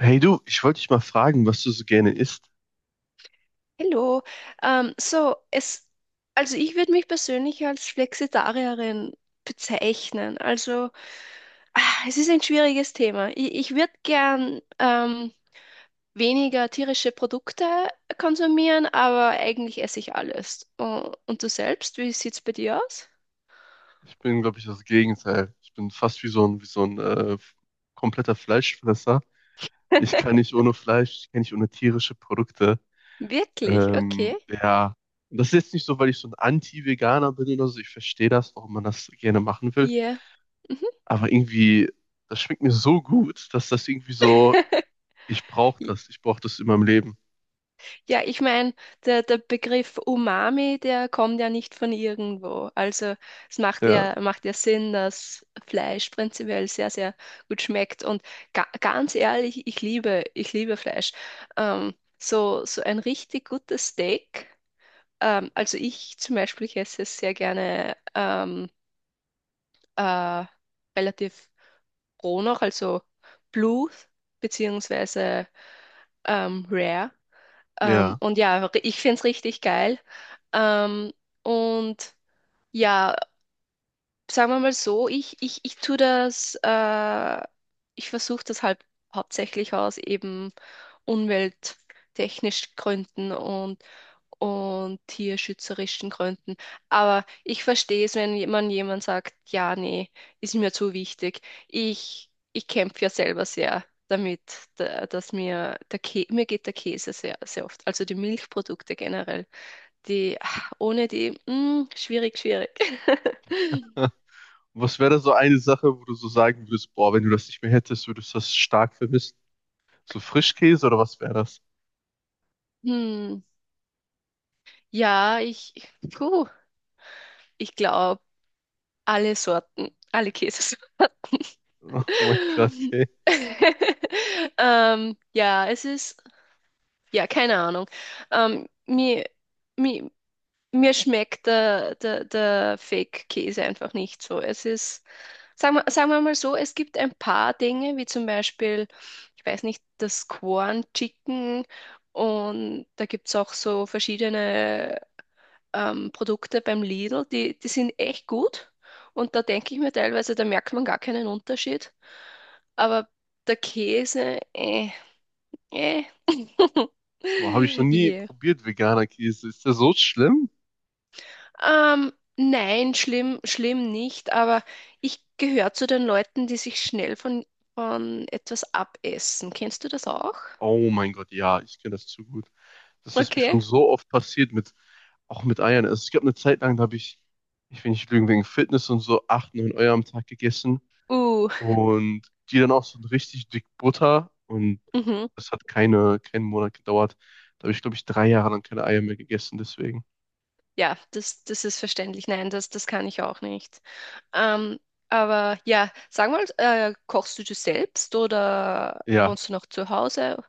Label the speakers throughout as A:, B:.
A: Hey du, ich wollte dich mal fragen, was du so gerne isst.
B: Hallo. Ähm, so, es, also ich würde mich persönlich als Flexitarierin bezeichnen. Also, es ist ein schwieriges Thema. Ich würde gern weniger tierische Produkte konsumieren, aber eigentlich esse ich alles. Oh, und du selbst, wie sieht's bei dir aus?
A: Ich bin, glaube ich, das Gegenteil. Ich bin fast wie so ein kompletter Fleischfresser. Ich kann nicht ohne Fleisch, ich kann nicht ohne tierische Produkte.
B: Wirklich? Okay.
A: Ja, das ist jetzt nicht so, weil ich so ein Anti-Veganer bin oder so. Ich verstehe das, warum man das gerne machen will.
B: Yeah. Mhm.
A: Aber irgendwie, das schmeckt mir so gut, dass das irgendwie so, ich brauche das in meinem Leben.
B: Ja, ich meine, der Begriff Umami, der kommt ja nicht von irgendwo. Also es
A: Ja,
B: macht ja Sinn, dass Fleisch prinzipiell sehr, sehr gut schmeckt. Und ga ganz ehrlich, ich liebe Fleisch. So, so ein richtig gutes Steak. Also ich zum Beispiel ich esse es sehr gerne, äh, relativ roh noch, also Blue beziehungsweise Rare. Ähm,
A: ja.
B: und ja, ich finde es richtig geil. Ähm, und ja, sagen wir mal so, ich tue ich versuche das halt hauptsächlich aus eben umwelttechnisch Gründen und tierschützerischen Gründen. Aber ich verstehe es, wenn man jemand sagt, ja, nee, ist mir zu wichtig. Ich kämpfe ja selber sehr damit, dass mir geht der Käse sehr, sehr oft, also die Milchprodukte generell. Die, ohne die, schwierig, schwierig.
A: Was wäre so eine Sache, wo du so sagen würdest, boah, wenn du das nicht mehr hättest, würdest du das stark vermissen? So Frischkäse oder was wäre das?
B: Hm, ja, ich, puh, ich glaube, alle Sorten, alle Käse.
A: Oh mein Gott, okay.
B: Ähm, ja, es ist, ja, keine Ahnung. Ähm, mir, mir, mir schmeckt der Fake-Käse einfach nicht so. Es ist, sagen wir, Sagen wir mal so, es gibt ein paar Dinge, wie zum Beispiel, ich weiß nicht, das Corn Chicken, und da gibt es auch so verschiedene Produkte beim Lidl, die sind echt gut. Und da denke ich mir teilweise, da merkt man gar keinen Unterschied. Aber der Käse, äh.
A: Boah, habe ich noch nie
B: Yeah.
A: probiert, veganer Käse. Ist der so schlimm?
B: Nein, schlimm, schlimm nicht, aber ich gehöre zu den Leuten, die sich schnell von etwas abessen. Kennst du das auch?
A: Oh mein Gott, ja, ich kenne das zu gut. Das ist mir schon
B: Okay.
A: so oft passiert auch mit Eiern. Also es gab eine Zeit lang, da habe ich, ich will nicht lügen, wegen Fitness und so, acht, neun Eier am Tag gegessen.
B: Uh.
A: Und die dann auch so richtig dick Butter. Und
B: Mhm.
A: das hat keinen Monat gedauert. Da habe ich, glaube ich, 3 Jahre lang keine Eier mehr gegessen, deswegen.
B: Ja, das ist verständlich. Nein, das kann ich auch nicht. Ähm, aber ja, sag mal, kochst du das selbst oder
A: Ja,
B: wohnst du noch zu Hause?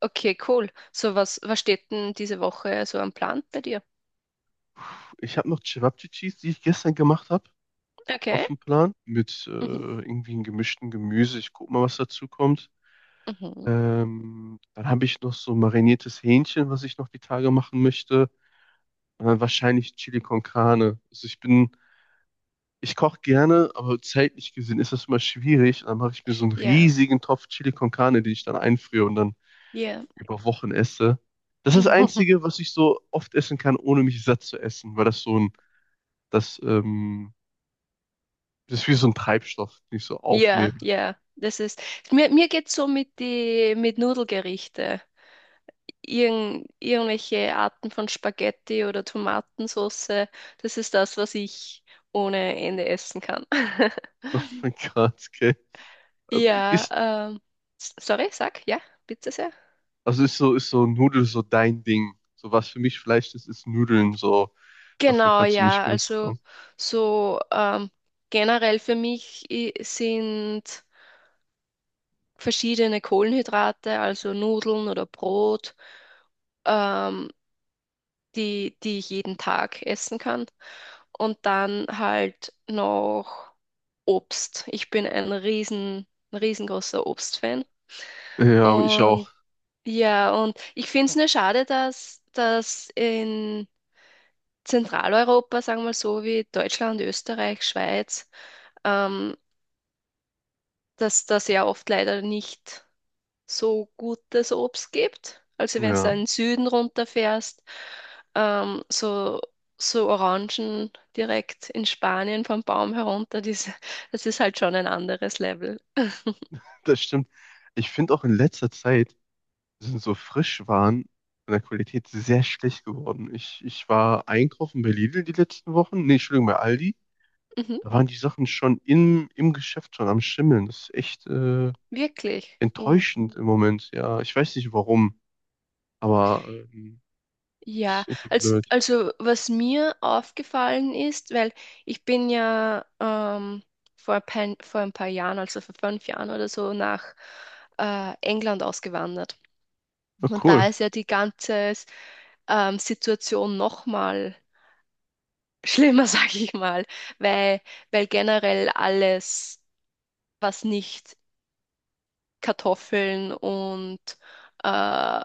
B: Okay, cool. So, was steht denn diese Woche so am Plan bei dir?
A: ich habe noch Cevapcicis, die ich gestern gemacht habe, auf
B: Okay.
A: dem Plan mit
B: Mhm.
A: irgendwie einem gemischten Gemüse. Ich guck mal, was dazu kommt.
B: Mhm.
A: Dann habe ich noch so mariniertes Hähnchen, was ich noch die Tage machen möchte. Und dann wahrscheinlich Chili con Carne. Also ich koche gerne, aber zeitlich gesehen ist das immer schwierig. Und dann mache ich mir so einen
B: Ja,
A: riesigen Topf Chili con Carne, den ich dann einfriere und dann
B: ja.
A: über Wochen esse. Das ist das Einzige, was ich so oft essen kann, ohne mich satt zu essen. Weil das so ein, das Das ist wie so ein Treibstoff, den ich so
B: Ja,
A: aufnehme.
B: ja. Mir geht's so mit Nudelgerichte, irgendwelche Arten von Spaghetti oder Tomatensauce. Das ist das, was ich ohne Ende essen kann.
A: Oh mein Gott, okay. Aber
B: Ja,
A: Ist,
B: sorry, bitte sehr.
A: also ist so Nudel so dein Ding? So was für mich Fleisch ist, ist Nudeln so. Davon
B: Genau,
A: kannst du nicht
B: ja,
A: genug
B: also
A: bekommen.
B: so, generell für mich sind verschiedene Kohlenhydrate, also Nudeln oder Brot, ähm, die ich jeden Tag essen kann. Und dann halt noch Obst. Ich bin ein riesengroßer Obstfan.
A: Ja, ich auch.
B: Und ja, und ich finde es nur schade, dass in Zentraleuropa, sagen wir mal so, wie Deutschland, Österreich, Schweiz, ähm, dass da sehr oft leider nicht so gutes Obst gibt. Also wenn du da
A: Ja,
B: in den Süden runterfährst, so, so Orangen direkt in Spanien vom Baum herunter, das ist halt schon ein anderes Level.
A: das stimmt. Ich finde auch in letzter Zeit sind so Frischwaren von der Qualität sehr schlecht geworden. Ich war einkaufen bei Lidl die letzten Wochen. Nee, Entschuldigung, bei Aldi.
B: Mhm,
A: Da waren die Sachen schon im Geschäft schon am Schimmeln. Das ist echt
B: wirklich. Oh.
A: enttäuschend im Moment. Ja, ich weiß nicht warum. Aber
B: Ja,
A: ist irgendwie blöd.
B: also was mir aufgefallen ist, weil ich bin ja vor ein paar Jahren, also vor 5 Jahren oder so, nach England ausgewandert.
A: Ah,
B: Und
A: cool.
B: da ist ja die ganze Situation nochmal schlimmer, sag ich mal, weil, weil generell alles, was nicht Kartoffeln und äh,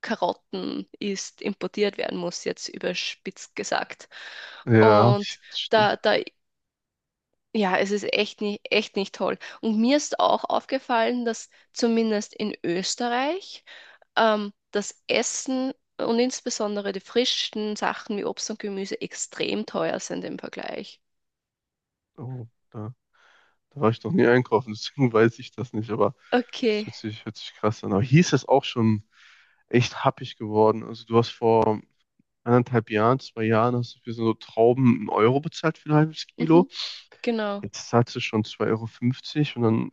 B: Karotten ist, importiert werden muss, jetzt überspitzt gesagt.
A: Ja, das
B: Und
A: stimmt.
B: da, da Ja, es ist echt nicht toll. Und mir ist auch aufgefallen, dass zumindest in Österreich das Essen und insbesondere die frischen Sachen wie Obst und Gemüse extrem teuer sind im Vergleich.
A: Oh, da war ich noch nie einkaufen, deswegen weiß ich das nicht, aber es
B: Okay,
A: hört sich krass an. Aber hier ist es auch schon echt happig geworden. Also du hast vor 1,5 Jahren, 2 Jahren, hast du für so Trauben 1 Euro bezahlt für ein halbes Kilo.
B: mhm, genau.
A: Jetzt zahlst du schon 2,50 € und dann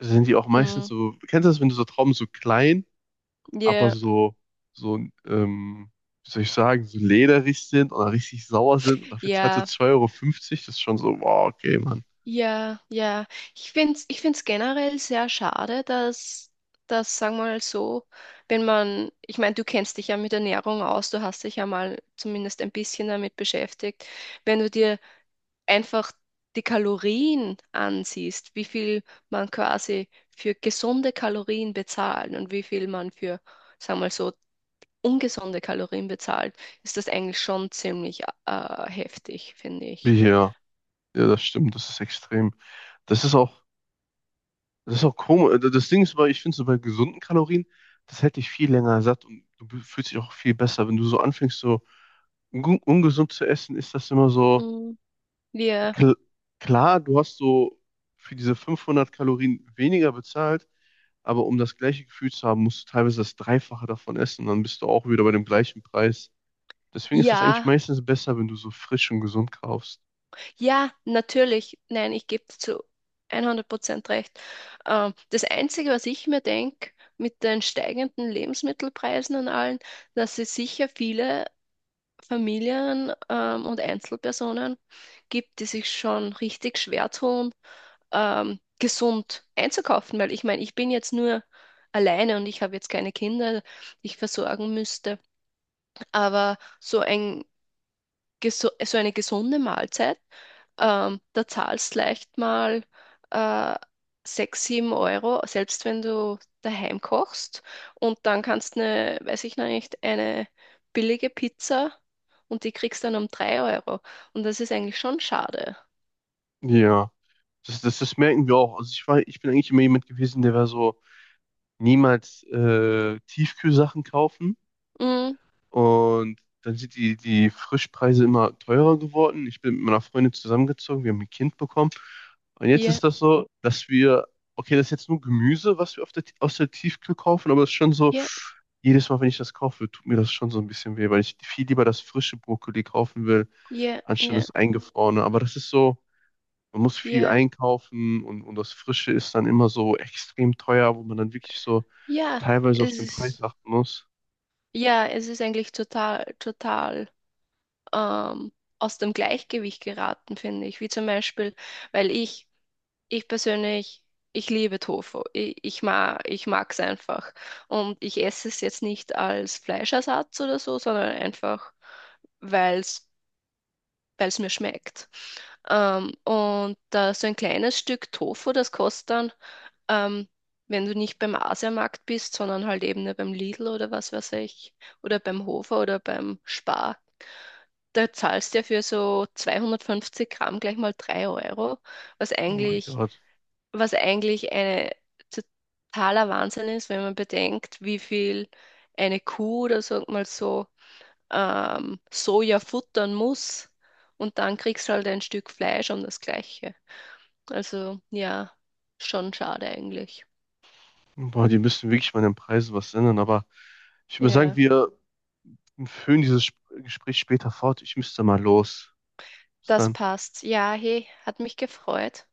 A: sind die auch meistens
B: Mm.
A: so, kennst du das, wenn du so Trauben so klein aber
B: Ja,
A: so, so, ähm, wie soll ich sagen, so lederig sind oder richtig sauer sind. Und dafür zahlst du
B: ja.
A: zwei Euro fünfzig. Das ist schon so, wow, okay, Mann.
B: Ja, ja. Ich finde es Ich find's generell sehr schade, dass, sagen wir mal so, wenn man, ich meine, du kennst dich ja mit Ernährung aus, du hast dich ja mal zumindest ein bisschen damit beschäftigt, wenn du dir einfach die Kalorien ansiehst, wie viel man quasi für gesunde Kalorien bezahlt und wie viel man für, sagen wir mal so, ungesunde Kalorien bezahlt, ist das eigentlich schon ziemlich heftig, finde
A: Wie
B: ich.
A: hier. Ja, ja, das stimmt, das ist extrem. Das ist auch, das ist auch komisch. Das Ding ist, weil ich finde, so bei gesunden Kalorien, das hält dich viel länger satt und du fühlst dich auch viel besser. Wenn du so anfängst, so ungesund zu essen, ist das immer so,
B: Mm. Wir,
A: Kl klar, du hast so für diese 500 Kalorien weniger bezahlt, aber um das gleiche Gefühl zu haben, musst du teilweise das Dreifache davon essen, dann bist du auch wieder bei dem gleichen Preis. Deswegen ist das eigentlich
B: ja.
A: meistens besser, wenn du so frisch und gesund kaufst.
B: Ja, natürlich. Nein, ich gebe dir zu 100% recht. Das Einzige, was ich mir denke, mit den steigenden Lebensmittelpreisen und allen, dass es sicher viele Familien und Einzelpersonen gibt, die sich schon richtig schwer tun, gesund einzukaufen. Weil ich meine, ich bin jetzt nur alleine und ich habe jetzt keine Kinder, die ich versorgen müsste. Aber so ein geso so eine gesunde Mahlzeit, da zahlst leicht mal äh, 6, 7 Euro, selbst wenn du daheim kochst. Und dann kannst du eine, weiß ich noch nicht, eine billige Pizza, und die kriegst dann um 3 Euro. Und das ist eigentlich schon schade.
A: Ja, das merken wir auch. Also ich bin eigentlich immer jemand gewesen, der war so niemals Tiefkühlsachen kaufen.
B: Mm,
A: Und dann sind die Frischpreise immer teurer geworden. Ich bin mit meiner Freundin zusammengezogen, wir haben ein Kind bekommen. Und jetzt
B: ja,
A: ist das so, dass wir, okay, das ist jetzt nur Gemüse, was wir aus der Tiefkühl kaufen, aber es ist schon so,
B: ja,
A: jedes Mal, wenn ich das kaufe, tut mir das schon so ein bisschen weh, weil ich viel lieber das frische Brokkoli kaufen will,
B: ja,
A: anstatt
B: ja,
A: das eingefrorene. Aber das ist so, man muss viel
B: ja.
A: einkaufen und das Frische ist dann immer so extrem teuer, wo man dann wirklich so
B: Ja,
A: teilweise auf
B: es
A: den Preis
B: ist,
A: achten muss.
B: ja, es ist eigentlich total, total ähm, aus dem Gleichgewicht geraten, finde ich. Wie zum Beispiel, weil ich ich persönlich, ich liebe Tofu. Ich, ich mag es einfach. Und ich esse es jetzt nicht als Fleischersatz oder so, sondern einfach, weil es, weil es mir schmeckt. Und da so ein kleines Stück Tofu, das kostet dann, ähm, wenn du nicht beim Asiamarkt bist, sondern halt eben nur beim Lidl oder was weiß ich, oder beim Hofer oder beim Spar, da zahlst du ja für so 250 Gramm gleich mal 3 Euro, was
A: Oh mein
B: eigentlich
A: Gott.
B: was eigentlich eine totaler Wahnsinn ist, wenn man bedenkt, wie viel eine Kuh oder sag mal so Soja futtern muss, und dann kriegst du halt ein Stück Fleisch um das Gleiche. Also ja, schon schade eigentlich.
A: Boah, die müssen wirklich mal an den Preisen was ändern, aber ich würde sagen,
B: Ja,
A: wir führen dieses Gespräch später fort. Ich müsste mal los. Bis
B: das
A: dann.
B: passt. Ja, hey, hat mich gefreut.